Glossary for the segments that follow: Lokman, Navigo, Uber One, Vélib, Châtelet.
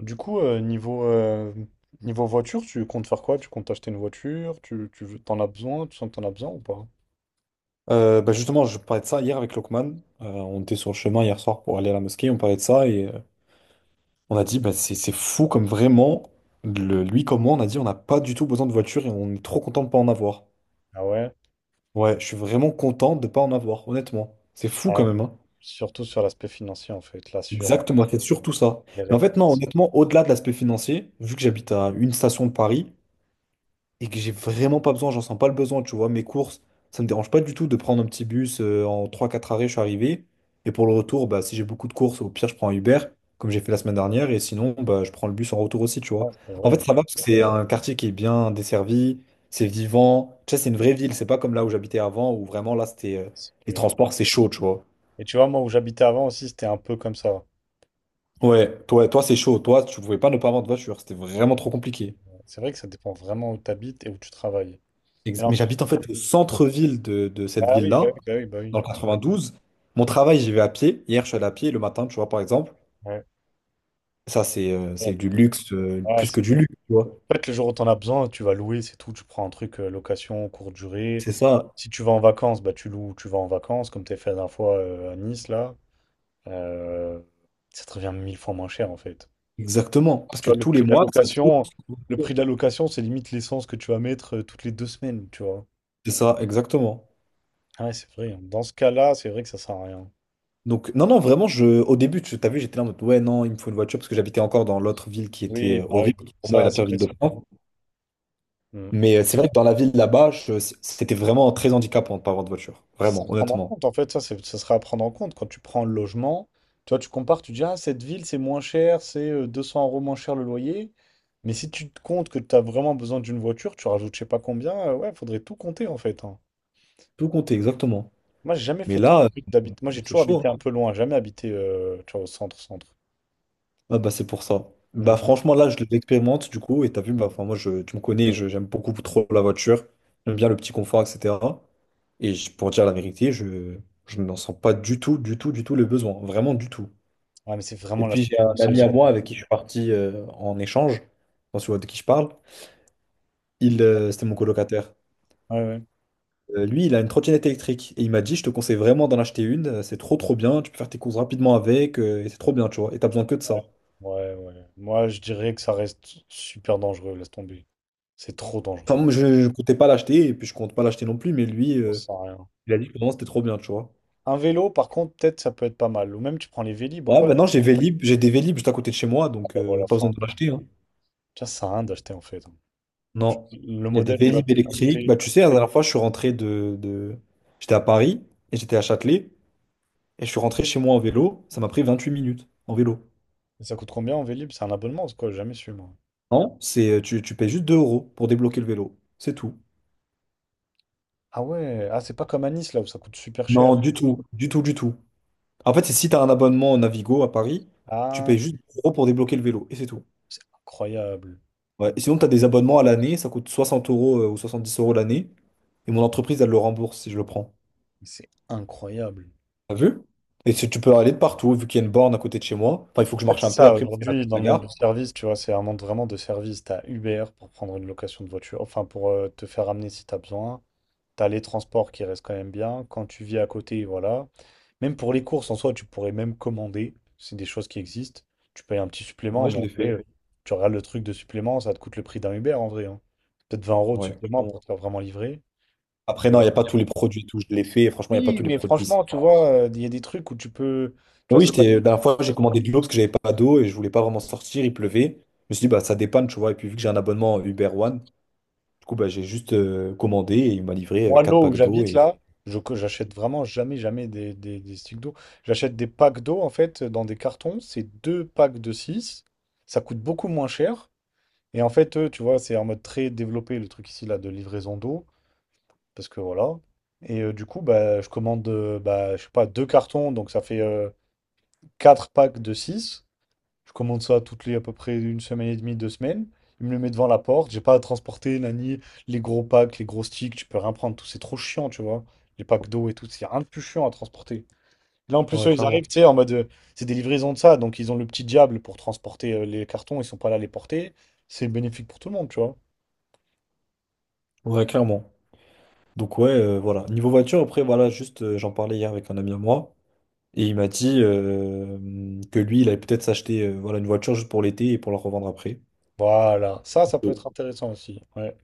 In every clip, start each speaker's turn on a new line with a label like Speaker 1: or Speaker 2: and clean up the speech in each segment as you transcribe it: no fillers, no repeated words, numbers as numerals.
Speaker 1: Du coup, niveau voiture, tu comptes faire quoi? Tu comptes acheter une voiture? T'en as besoin? Tu sens que t'en as besoin ou pas?
Speaker 2: Bah justement, je parlais de ça hier avec Lokman. On était sur le chemin hier soir pour aller à la mosquée, on parlait de ça et on a dit, bah, c'est fou comme vraiment, lui comme moi, on a dit, on n'a pas du tout besoin de voiture et on est trop content de pas en avoir.
Speaker 1: Ah ouais?
Speaker 2: Ouais, je suis vraiment content de pas en avoir, honnêtement. C'est fou
Speaker 1: Ah,
Speaker 2: quand même, hein.
Speaker 1: surtout sur l'aspect financier, en fait, l'assurance,
Speaker 2: Exactement, c'est surtout ça.
Speaker 1: les
Speaker 2: Mais en fait, non,
Speaker 1: réparations.
Speaker 2: honnêtement, au-delà de l'aspect financier, vu que j'habite à une station de Paris, et que j'ai vraiment pas besoin, j'en sens pas le besoin, tu vois, mes courses, ça me dérange pas du tout de prendre un petit bus en trois quatre arrêts, je suis arrivé. Et pour le retour, bah, si j'ai beaucoup de courses, au pire, je prends un Uber, comme j'ai fait la semaine dernière, et sinon, bah, je prends le bus en retour aussi, tu
Speaker 1: Ah,
Speaker 2: vois.
Speaker 1: c'est
Speaker 2: En
Speaker 1: vrai,
Speaker 2: fait,
Speaker 1: hein.
Speaker 2: ça va parce que c'est un quartier qui est bien desservi, c'est vivant, tu sais, c'est une vraie ville, c'est pas comme là où j'habitais avant, où vraiment là, c'était
Speaker 1: C'est
Speaker 2: les
Speaker 1: vrai.
Speaker 2: transports, c'est chaud, tu vois.
Speaker 1: Et tu vois, moi, où j'habitais avant aussi, c'était un peu comme ça.
Speaker 2: Ouais, toi, toi, c'est chaud, toi, tu pouvais pas ne pas avoir de voiture, c'était vraiment trop compliqué.
Speaker 1: C'est vrai que ça dépend vraiment où tu habites et où tu travailles. Et en
Speaker 2: Mais
Speaker 1: plus-
Speaker 2: j'habite en fait au centre-ville de cette
Speaker 1: Ah oui, bah
Speaker 2: ville-là,
Speaker 1: oui, bah oui, bah
Speaker 2: dans
Speaker 1: oui.
Speaker 2: le 92. Mon travail, j'y vais à pied. Hier, je suis allé à pied le matin, tu vois, par exemple.
Speaker 1: Ouais.
Speaker 2: Ça, c'est
Speaker 1: Ouais.
Speaker 2: du luxe,
Speaker 1: Ah,
Speaker 2: plus
Speaker 1: c'est
Speaker 2: que du
Speaker 1: vrai.
Speaker 2: luxe, tu vois.
Speaker 1: En fait, le jour où t'en as besoin, tu vas louer, c'est tout. Tu prends un truc location, courte durée.
Speaker 2: C'est ça,
Speaker 1: Si tu vas en vacances, bah tu loues, tu vas en vacances, comme t'as fait la dernière fois à Nice, là. Euh, ça te revient 1000 fois moins cher, en fait.
Speaker 2: exactement. Parce
Speaker 1: Tu
Speaker 2: que
Speaker 1: vois, le
Speaker 2: tous les
Speaker 1: prix de la
Speaker 2: mois, ça te coûte.
Speaker 1: location, le prix de la location, c'est limite l'essence que tu vas mettre toutes les 2 semaines, tu vois.
Speaker 2: C'est ça, exactement.
Speaker 1: Ah ouais, c'est vrai, hein. Dans ce cas-là, c'est vrai que ça sert à rien.
Speaker 2: Donc, non, non, vraiment, je, au début, tu t'as vu, j'étais là en mode, ouais, non, il me faut une voiture parce que j'habitais encore dans l'autre ville qui était
Speaker 1: Oui, bah oui,
Speaker 2: horrible, qui pour moi est
Speaker 1: ça,
Speaker 2: la
Speaker 1: c'est
Speaker 2: pire
Speaker 1: vrai,
Speaker 2: ville de
Speaker 1: ça.
Speaker 2: France.
Speaker 1: Mm.
Speaker 2: Mais c'est vrai que dans la ville là-bas, c'était vraiment très handicapant de pas avoir de voiture.
Speaker 1: C'est
Speaker 2: Vraiment,
Speaker 1: à prendre en
Speaker 2: honnêtement.
Speaker 1: compte, en fait, ça sera à prendre en compte quand tu prends le logement. Tu vois, tu compares, tu dis, ah, cette ville, c'est moins cher, c'est 200 € moins cher le loyer. Mais si tu te comptes que tu as vraiment besoin d'une voiture, tu rajoutes je sais pas combien, ouais, faudrait tout compter, en fait, hein.
Speaker 2: Tout compter, exactement.
Speaker 1: Moi, j'ai jamais
Speaker 2: Mais
Speaker 1: fait
Speaker 2: là,
Speaker 1: d'habiter. Moi, j'ai
Speaker 2: c'est
Speaker 1: toujours
Speaker 2: chaud, hein.
Speaker 1: habité un peu loin, jamais habité, tu vois, au centre, centre.
Speaker 2: Ah bah c'est pour ça. Bah
Speaker 1: Mhm.
Speaker 2: franchement là je l'expérimente du coup et t'as vu bah enfin moi je tu me connais j'aime beaucoup trop la voiture, j'aime bien le petit confort, etc. Pour dire la vérité, je n'en sens pas du tout du tout du tout le besoin, vraiment, du tout.
Speaker 1: Ouais, mais c'est
Speaker 2: Et
Speaker 1: vraiment
Speaker 2: puis
Speaker 1: l'aspect
Speaker 2: j'ai un
Speaker 1: financier
Speaker 2: ami à
Speaker 1: aussi.
Speaker 2: moi avec qui je suis parti en échange, quand tu vois de qui je parle, il c'était mon colocataire.
Speaker 1: Ouais, ouais.
Speaker 2: Lui il a une trottinette électrique et il m'a dit je te conseille vraiment d'en acheter une, c'est trop trop bien, tu peux faire tes courses rapidement avec, et c'est trop bien, tu vois, et t'as besoin que de ça.
Speaker 1: Ouais, ouais, ouais. Moi, je dirais que ça reste super dangereux, laisse tomber. C'est trop
Speaker 2: Enfin,
Speaker 1: dangereux.
Speaker 2: moi, je comptais pas l'acheter et puis je compte pas l'acheter non plus, mais lui,
Speaker 1: On sent rien.
Speaker 2: il a dit que non, c'était trop bien, tu vois.
Speaker 1: Un vélo, par contre, peut-être ça peut être pas mal. Ou même tu prends les Vélib ou
Speaker 2: Ouais,
Speaker 1: quoi.
Speaker 2: maintenant j'ai Vélib, j'ai des Vélib juste à côté de chez moi, donc
Speaker 1: Ah, voilà,
Speaker 2: pas besoin
Speaker 1: enfin,
Speaker 2: de l'acheter, hein.
Speaker 1: tiens, ça sert à rien d'acheter en fait.
Speaker 2: Non,
Speaker 1: Le
Speaker 2: il y a des
Speaker 1: modèle, tu vois,
Speaker 2: Vélib électriques.
Speaker 1: acheter.
Speaker 2: Bah, tu sais, la dernière fois, je suis rentré de... J'étais à Paris et j'étais à Châtelet et je suis rentré chez moi en vélo. Ça m'a pris 28 minutes en vélo.
Speaker 1: Ça coûte combien en Vélib? C'est un abonnement, c'est quoi? J'ai jamais su, moi.
Speaker 2: Non, c'est, tu payes juste 2 € pour débloquer le vélo. C'est tout.
Speaker 1: Ah ouais, ah, c'est pas comme à Nice là où ça coûte super cher.
Speaker 2: Non, du tout, du tout, du tout. En fait, c'est si tu as un abonnement Navigo à Paris, tu
Speaker 1: Ah,
Speaker 2: payes juste 2 euros pour débloquer le vélo et c'est tout.
Speaker 1: c'est incroyable.
Speaker 2: Ouais. Et sinon, tu as des abonnements à l'année, ça coûte 60 € ou 70 € l'année, et mon entreprise, elle le rembourse si je le prends.
Speaker 1: C'est incroyable.
Speaker 2: T'as vu? Et si tu peux aller de partout, vu qu'il y a une borne à côté de chez moi. Enfin, il faut que je
Speaker 1: En fait,
Speaker 2: marche
Speaker 1: c'est
Speaker 2: un peu
Speaker 1: ça,
Speaker 2: après, parce que la,
Speaker 1: aujourd'hui, dans
Speaker 2: la
Speaker 1: le monde
Speaker 2: gare.
Speaker 1: du service, tu vois, c'est un monde vraiment de service. T'as Uber pour prendre une location de voiture, enfin, pour te faire amener si t'as besoin. T'as les transports qui restent quand même bien. Quand tu vis à côté, voilà. Même pour les courses, en soi, tu pourrais même commander. C'est des choses qui existent. Tu payes un petit supplément,
Speaker 2: Ouais, je
Speaker 1: mais en
Speaker 2: l'ai
Speaker 1: vrai,
Speaker 2: fait.
Speaker 1: tu regardes le truc de supplément, ça te coûte le prix d'un Uber en vrai, hein. Peut-être 20 € de
Speaker 2: Ouais,
Speaker 1: supplément
Speaker 2: clairement.
Speaker 1: pour te faire vraiment livrer.
Speaker 2: Après, non,
Speaker 1: Euh,
Speaker 2: il n'y a pas tous les produits et tout, je l'ai fait, et franchement, il n'y a pas
Speaker 1: oui,
Speaker 2: tous les
Speaker 1: mais
Speaker 2: produits, c'est
Speaker 1: franchement, tu
Speaker 2: pas-
Speaker 1: vois, il y a des trucs où tu peux. Tu
Speaker 2: Mais
Speaker 1: vois,
Speaker 2: oui,
Speaker 1: c'est pas.
Speaker 2: j'étais, la dernière fois, j'ai commandé de l'eau parce que j'avais pas d'eau et je voulais pas vraiment sortir, il pleuvait. Je me suis dit, bah, ça dépanne, tu vois, et puis vu que j'ai un abonnement Uber One, du coup, bah, j'ai juste commandé et il m'a livré
Speaker 1: Moi,
Speaker 2: quatre
Speaker 1: l'eau où
Speaker 2: packs d'eau
Speaker 1: j'habite
Speaker 2: et...
Speaker 1: là, j'achète vraiment jamais, jamais des sticks d'eau. J'achète des packs d'eau en fait dans des cartons. C'est 2 packs de six. Ça coûte beaucoup moins cher. Et en fait, eux, tu vois, c'est en mode très développé le truc ici là de livraison d'eau, parce que voilà. Et du coup, bah, je commande, bah, je sais pas, 2 cartons, donc ça fait 4 packs de 6. Je commande ça toutes les à peu près 1 semaine et demie, 2 semaines. Ils me le mettent devant la porte. J'ai pas à transporter, nani, les gros packs, les gros sticks, tu peux rien prendre, tout c'est trop chiant, tu vois. Les packs d'eau et tout, c'est rien de plus chiant à transporter. Là, en plus,
Speaker 2: Ouais,
Speaker 1: eux, ils
Speaker 2: clairement.
Speaker 1: arrivent, tu sais, en mode, c'est des livraisons de ça, donc ils ont le petit diable pour transporter les cartons, ils sont pas là à les porter. C'est bénéfique pour tout le monde, tu vois.
Speaker 2: Ouais, clairement. Donc ouais, voilà. Niveau voiture, après, voilà, juste, j'en parlais hier avec un ami à moi, et il m'a dit que lui, il allait peut-être s'acheter voilà, une voiture juste pour l'été et pour la revendre après.
Speaker 1: Voilà, ça peut
Speaker 2: Oh.
Speaker 1: être intéressant aussi. Ouais.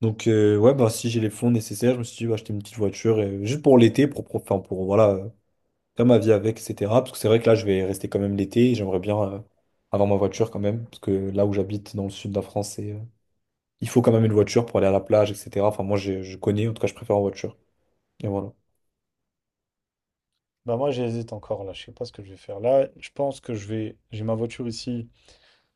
Speaker 2: Donc ouais, bah, si j'ai les fonds nécessaires, je me suis dit, bah, acheter une petite voiture juste pour l'été, pour, enfin, pour voilà, faire ma vie avec, etc. Parce que c'est vrai que là, je vais rester quand même l'été, et j'aimerais bien avoir ma voiture quand même, parce que là où j'habite, dans le sud de la France, c'est, il faut quand même une voiture pour aller à la plage, etc. Enfin, moi, je connais, en tout cas, je préfère en voiture. Et voilà.
Speaker 1: Bah moi, j'hésite encore là. Je sais pas ce que je vais faire là. Je pense que je vais. J'ai ma voiture ici.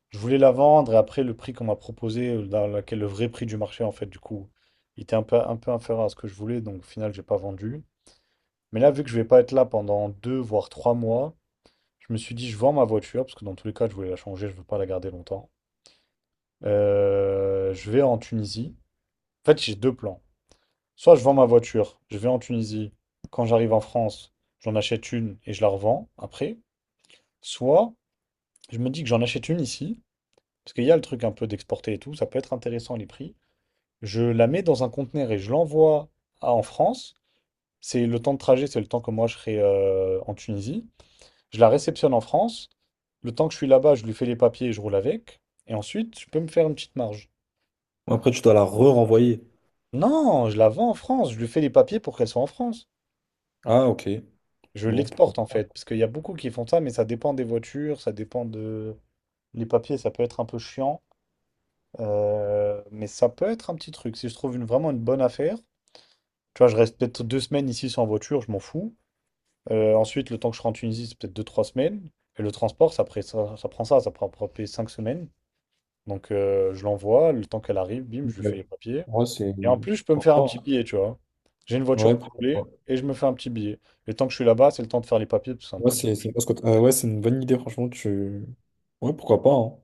Speaker 1: Je voulais la vendre et après le prix qu'on m'a proposé, dans laquelle le vrai prix du marché en fait, du coup, il était un peu inférieur à ce que je voulais. Donc au final, j'ai pas vendu. Mais là, vu que je vais pas être là pendant 2 voire 3 mois, je me suis dit, je vends ma voiture parce que dans tous les cas, je voulais la changer. Je veux pas la garder longtemps. Je vais en Tunisie. En fait, j'ai deux plans. Soit je vends ma voiture, je vais en Tunisie, quand j'arrive en France, j'en achète une et je la revends après. Soit je me dis que j'en achète une ici, parce qu'il y a le truc un peu d'exporter et tout, ça peut être intéressant les prix. Je la mets dans un conteneur et je l'envoie en France. C'est le temps de trajet, c'est le temps que moi je serai en Tunisie. Je la réceptionne en France. Le temps que je suis là-bas, je lui fais les papiers et je roule avec. Et ensuite, je peux me faire une petite marge.
Speaker 2: Après, tu dois la re-renvoyer.
Speaker 1: Non, je la vends en France, je lui fais les papiers pour qu'elle soit en France.
Speaker 2: Ah, ok.
Speaker 1: Je
Speaker 2: Bon, pourquoi
Speaker 1: l'exporte en
Speaker 2: pas.
Speaker 1: fait, parce qu'il y a beaucoup qui font ça, mais ça dépend des voitures, ça dépend de... Les papiers, ça peut être un peu chiant, mais ça peut être un petit truc. Si je trouve vraiment une bonne affaire, tu vois, je reste peut-être 2 semaines ici sans voiture, je m'en fous. Ensuite, le temps que je rentre en Tunisie, c'est peut-être 2, 3 semaines. Et le transport, ça prend à peu près 5 semaines. Donc je l'envoie, le temps qu'elle arrive, bim, je lui fais
Speaker 2: Ouais.
Speaker 1: les papiers.
Speaker 2: Ouais, c'est.
Speaker 1: Et en plus, je peux me
Speaker 2: Pourquoi
Speaker 1: faire un
Speaker 2: pas,
Speaker 1: petit billet, tu vois. J'ai une
Speaker 2: hein.
Speaker 1: voiture
Speaker 2: Ouais,
Speaker 1: pour
Speaker 2: pourquoi
Speaker 1: rouler
Speaker 2: pas.
Speaker 1: et je me fais un petit billet. Le temps que je suis là-bas, c'est le temps de faire les papiers, parce que c'est un
Speaker 2: Ouais,
Speaker 1: tout petit peu.
Speaker 2: ouais, c'est une bonne idée, franchement. Tu... Ouais, pourquoi pas, hein.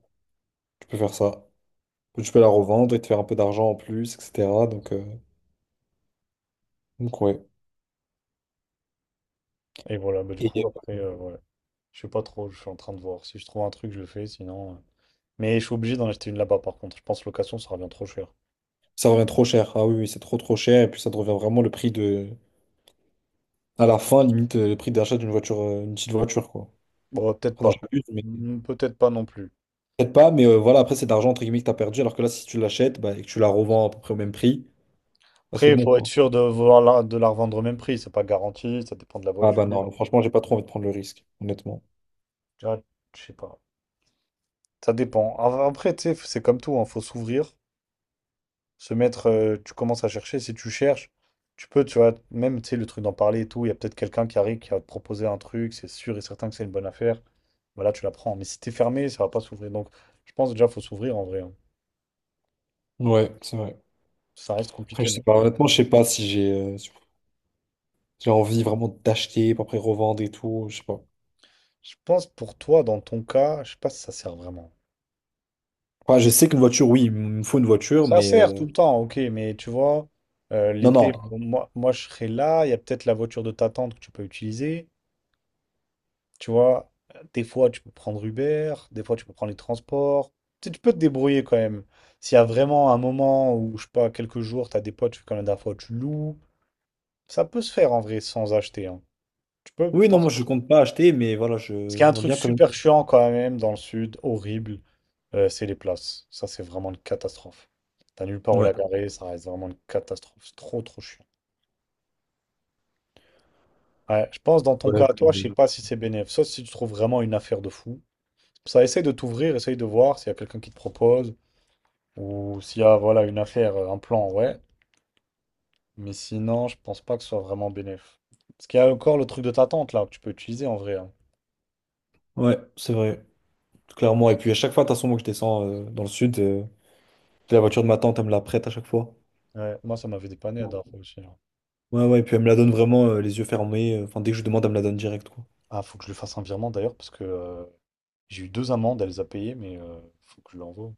Speaker 2: Tu peux faire ça. Tu peux la revendre et te faire un peu d'argent en plus, etc. Donc ouais.
Speaker 1: Et voilà, bah, du coup,
Speaker 2: Et
Speaker 1: après, ouais. Je sais pas trop, je suis en train de voir. Si je trouve un truc, je le fais, sinon. Mais je suis obligé d'en acheter une là-bas, par contre. Je pense location, ça revient trop cher.
Speaker 2: ça revient trop cher. Ah oui, oui, c'est trop trop cher. Et puis ça te revient vraiment le prix de. À la fin, limite, le prix d'achat d'une voiture, une petite voiture, quoi.
Speaker 1: Bon, peut-être
Speaker 2: Enfin, non,
Speaker 1: pas.
Speaker 2: j'abuse, mais.
Speaker 1: Peut-être pas non plus.
Speaker 2: Peut-être pas, mais voilà, après, c'est d'argent entre guillemets que t'as perdu. Alors que là, si tu l'achètes bah, et que tu la revends à peu près au même prix, bah, c'est
Speaker 1: Après, il
Speaker 2: bon,
Speaker 1: faut être
Speaker 2: quoi.
Speaker 1: sûr de vouloir de la revendre au même prix. C'est pas garanti, ça dépend de la
Speaker 2: Ah
Speaker 1: voiture.
Speaker 2: bah non, franchement, j'ai pas trop envie de prendre le risque, honnêtement.
Speaker 1: Tu vois, je sais pas. Ça dépend. Après, tu sais, c'est comme tout, hein, faut s'ouvrir, se mettre, tu commences à chercher, si tu cherches, tu peux, tu vois, même, tu sais, le truc d'en parler et tout, il y a peut-être quelqu'un qui arrive, qui va te proposer un truc, c'est sûr et certain que c'est une bonne affaire, voilà, tu la prends. Mais si t'es fermé, ça va pas s'ouvrir. Donc, je pense déjà, faut s'ouvrir en vrai, hein.
Speaker 2: Ouais, c'est vrai.
Speaker 1: Ça reste
Speaker 2: Après,
Speaker 1: compliqué.
Speaker 2: je sais
Speaker 1: mais-
Speaker 2: pas, honnêtement, je sais pas si j'ai si j'ai envie vraiment d'acheter pour après revendre et tout, je sais pas.
Speaker 1: Je pense pour toi, dans ton cas, je sais pas si ça sert vraiment.
Speaker 2: Enfin, je sais qu'une voiture, oui, il me faut une voiture,
Speaker 1: Ça
Speaker 2: mais
Speaker 1: sert tout le temps, ok, mais tu vois,
Speaker 2: non,
Speaker 1: l'été,
Speaker 2: non.
Speaker 1: bon, moi, je serai là, il y a peut-être la voiture de ta tante que tu peux utiliser. Tu vois, des fois, tu peux prendre Uber, des fois, tu peux prendre les transports. Tu sais, tu peux te débrouiller quand même. S'il y a vraiment un moment où, je sais pas, quelques jours, tu as des potes, tu fais comme la dernière fois, tu loues. Ça peut se faire en vrai sans acheter, hein. Tu peux.
Speaker 2: Oui, non,
Speaker 1: Parce
Speaker 2: moi, je compte pas acheter, mais voilà,
Speaker 1: parce
Speaker 2: je
Speaker 1: qu'il y a un
Speaker 2: j'aimerais
Speaker 1: truc
Speaker 2: bien quand même.
Speaker 1: super chiant quand même dans le sud, horrible, c'est les places. Ça, c'est vraiment une catastrophe. T'as nulle part où
Speaker 2: Ouais,
Speaker 1: la garer, ça reste vraiment une catastrophe. C'est trop, trop chiant. Ouais, je pense dans ton
Speaker 2: ouais,
Speaker 1: cas, toi, je sais pas si c'est bénéf, sauf si tu trouves vraiment une affaire de fou. Ça, essaye de t'ouvrir, essaye de voir s'il y a quelqu'un qui te propose. Ou s'il y a voilà, une affaire, un plan, ouais. Mais sinon, je pense pas que ce soit vraiment bénéf. Parce qu'il y a encore le truc de ta tante là, que tu peux utiliser en vrai, hein.
Speaker 2: ouais, c'est vrai, clairement. Et puis, à chaque fois, de toute façon, moi, que je descends dans le sud, la voiture de ma tante, elle me la prête à chaque fois.
Speaker 1: Ouais, moi, ça m'avait dépanné la dernière fois aussi, hein.
Speaker 2: Ouais, ouais, et puis elle me la donne vraiment les yeux fermés. Enfin, dès que je demande, elle me la donne direct, quoi.
Speaker 1: Ah, faut que je lui fasse un virement d'ailleurs, parce que j'ai eu 2 amendes, elle les a payées, mais faut que je l'envoie.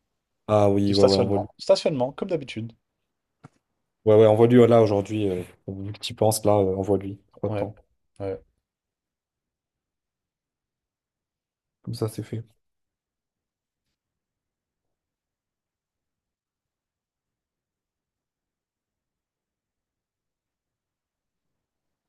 Speaker 2: Ah
Speaker 1: De
Speaker 2: oui, ouais, ouais, on voit.
Speaker 1: stationnement. Stationnement, comme d'habitude.
Speaker 2: Ouais, ouais, envoie-lui là aujourd'hui, vu que tu penses là, envoie-lui. Pas de
Speaker 1: Ouais.
Speaker 2: temps.
Speaker 1: Ouais.
Speaker 2: Comme ça, c'est fait.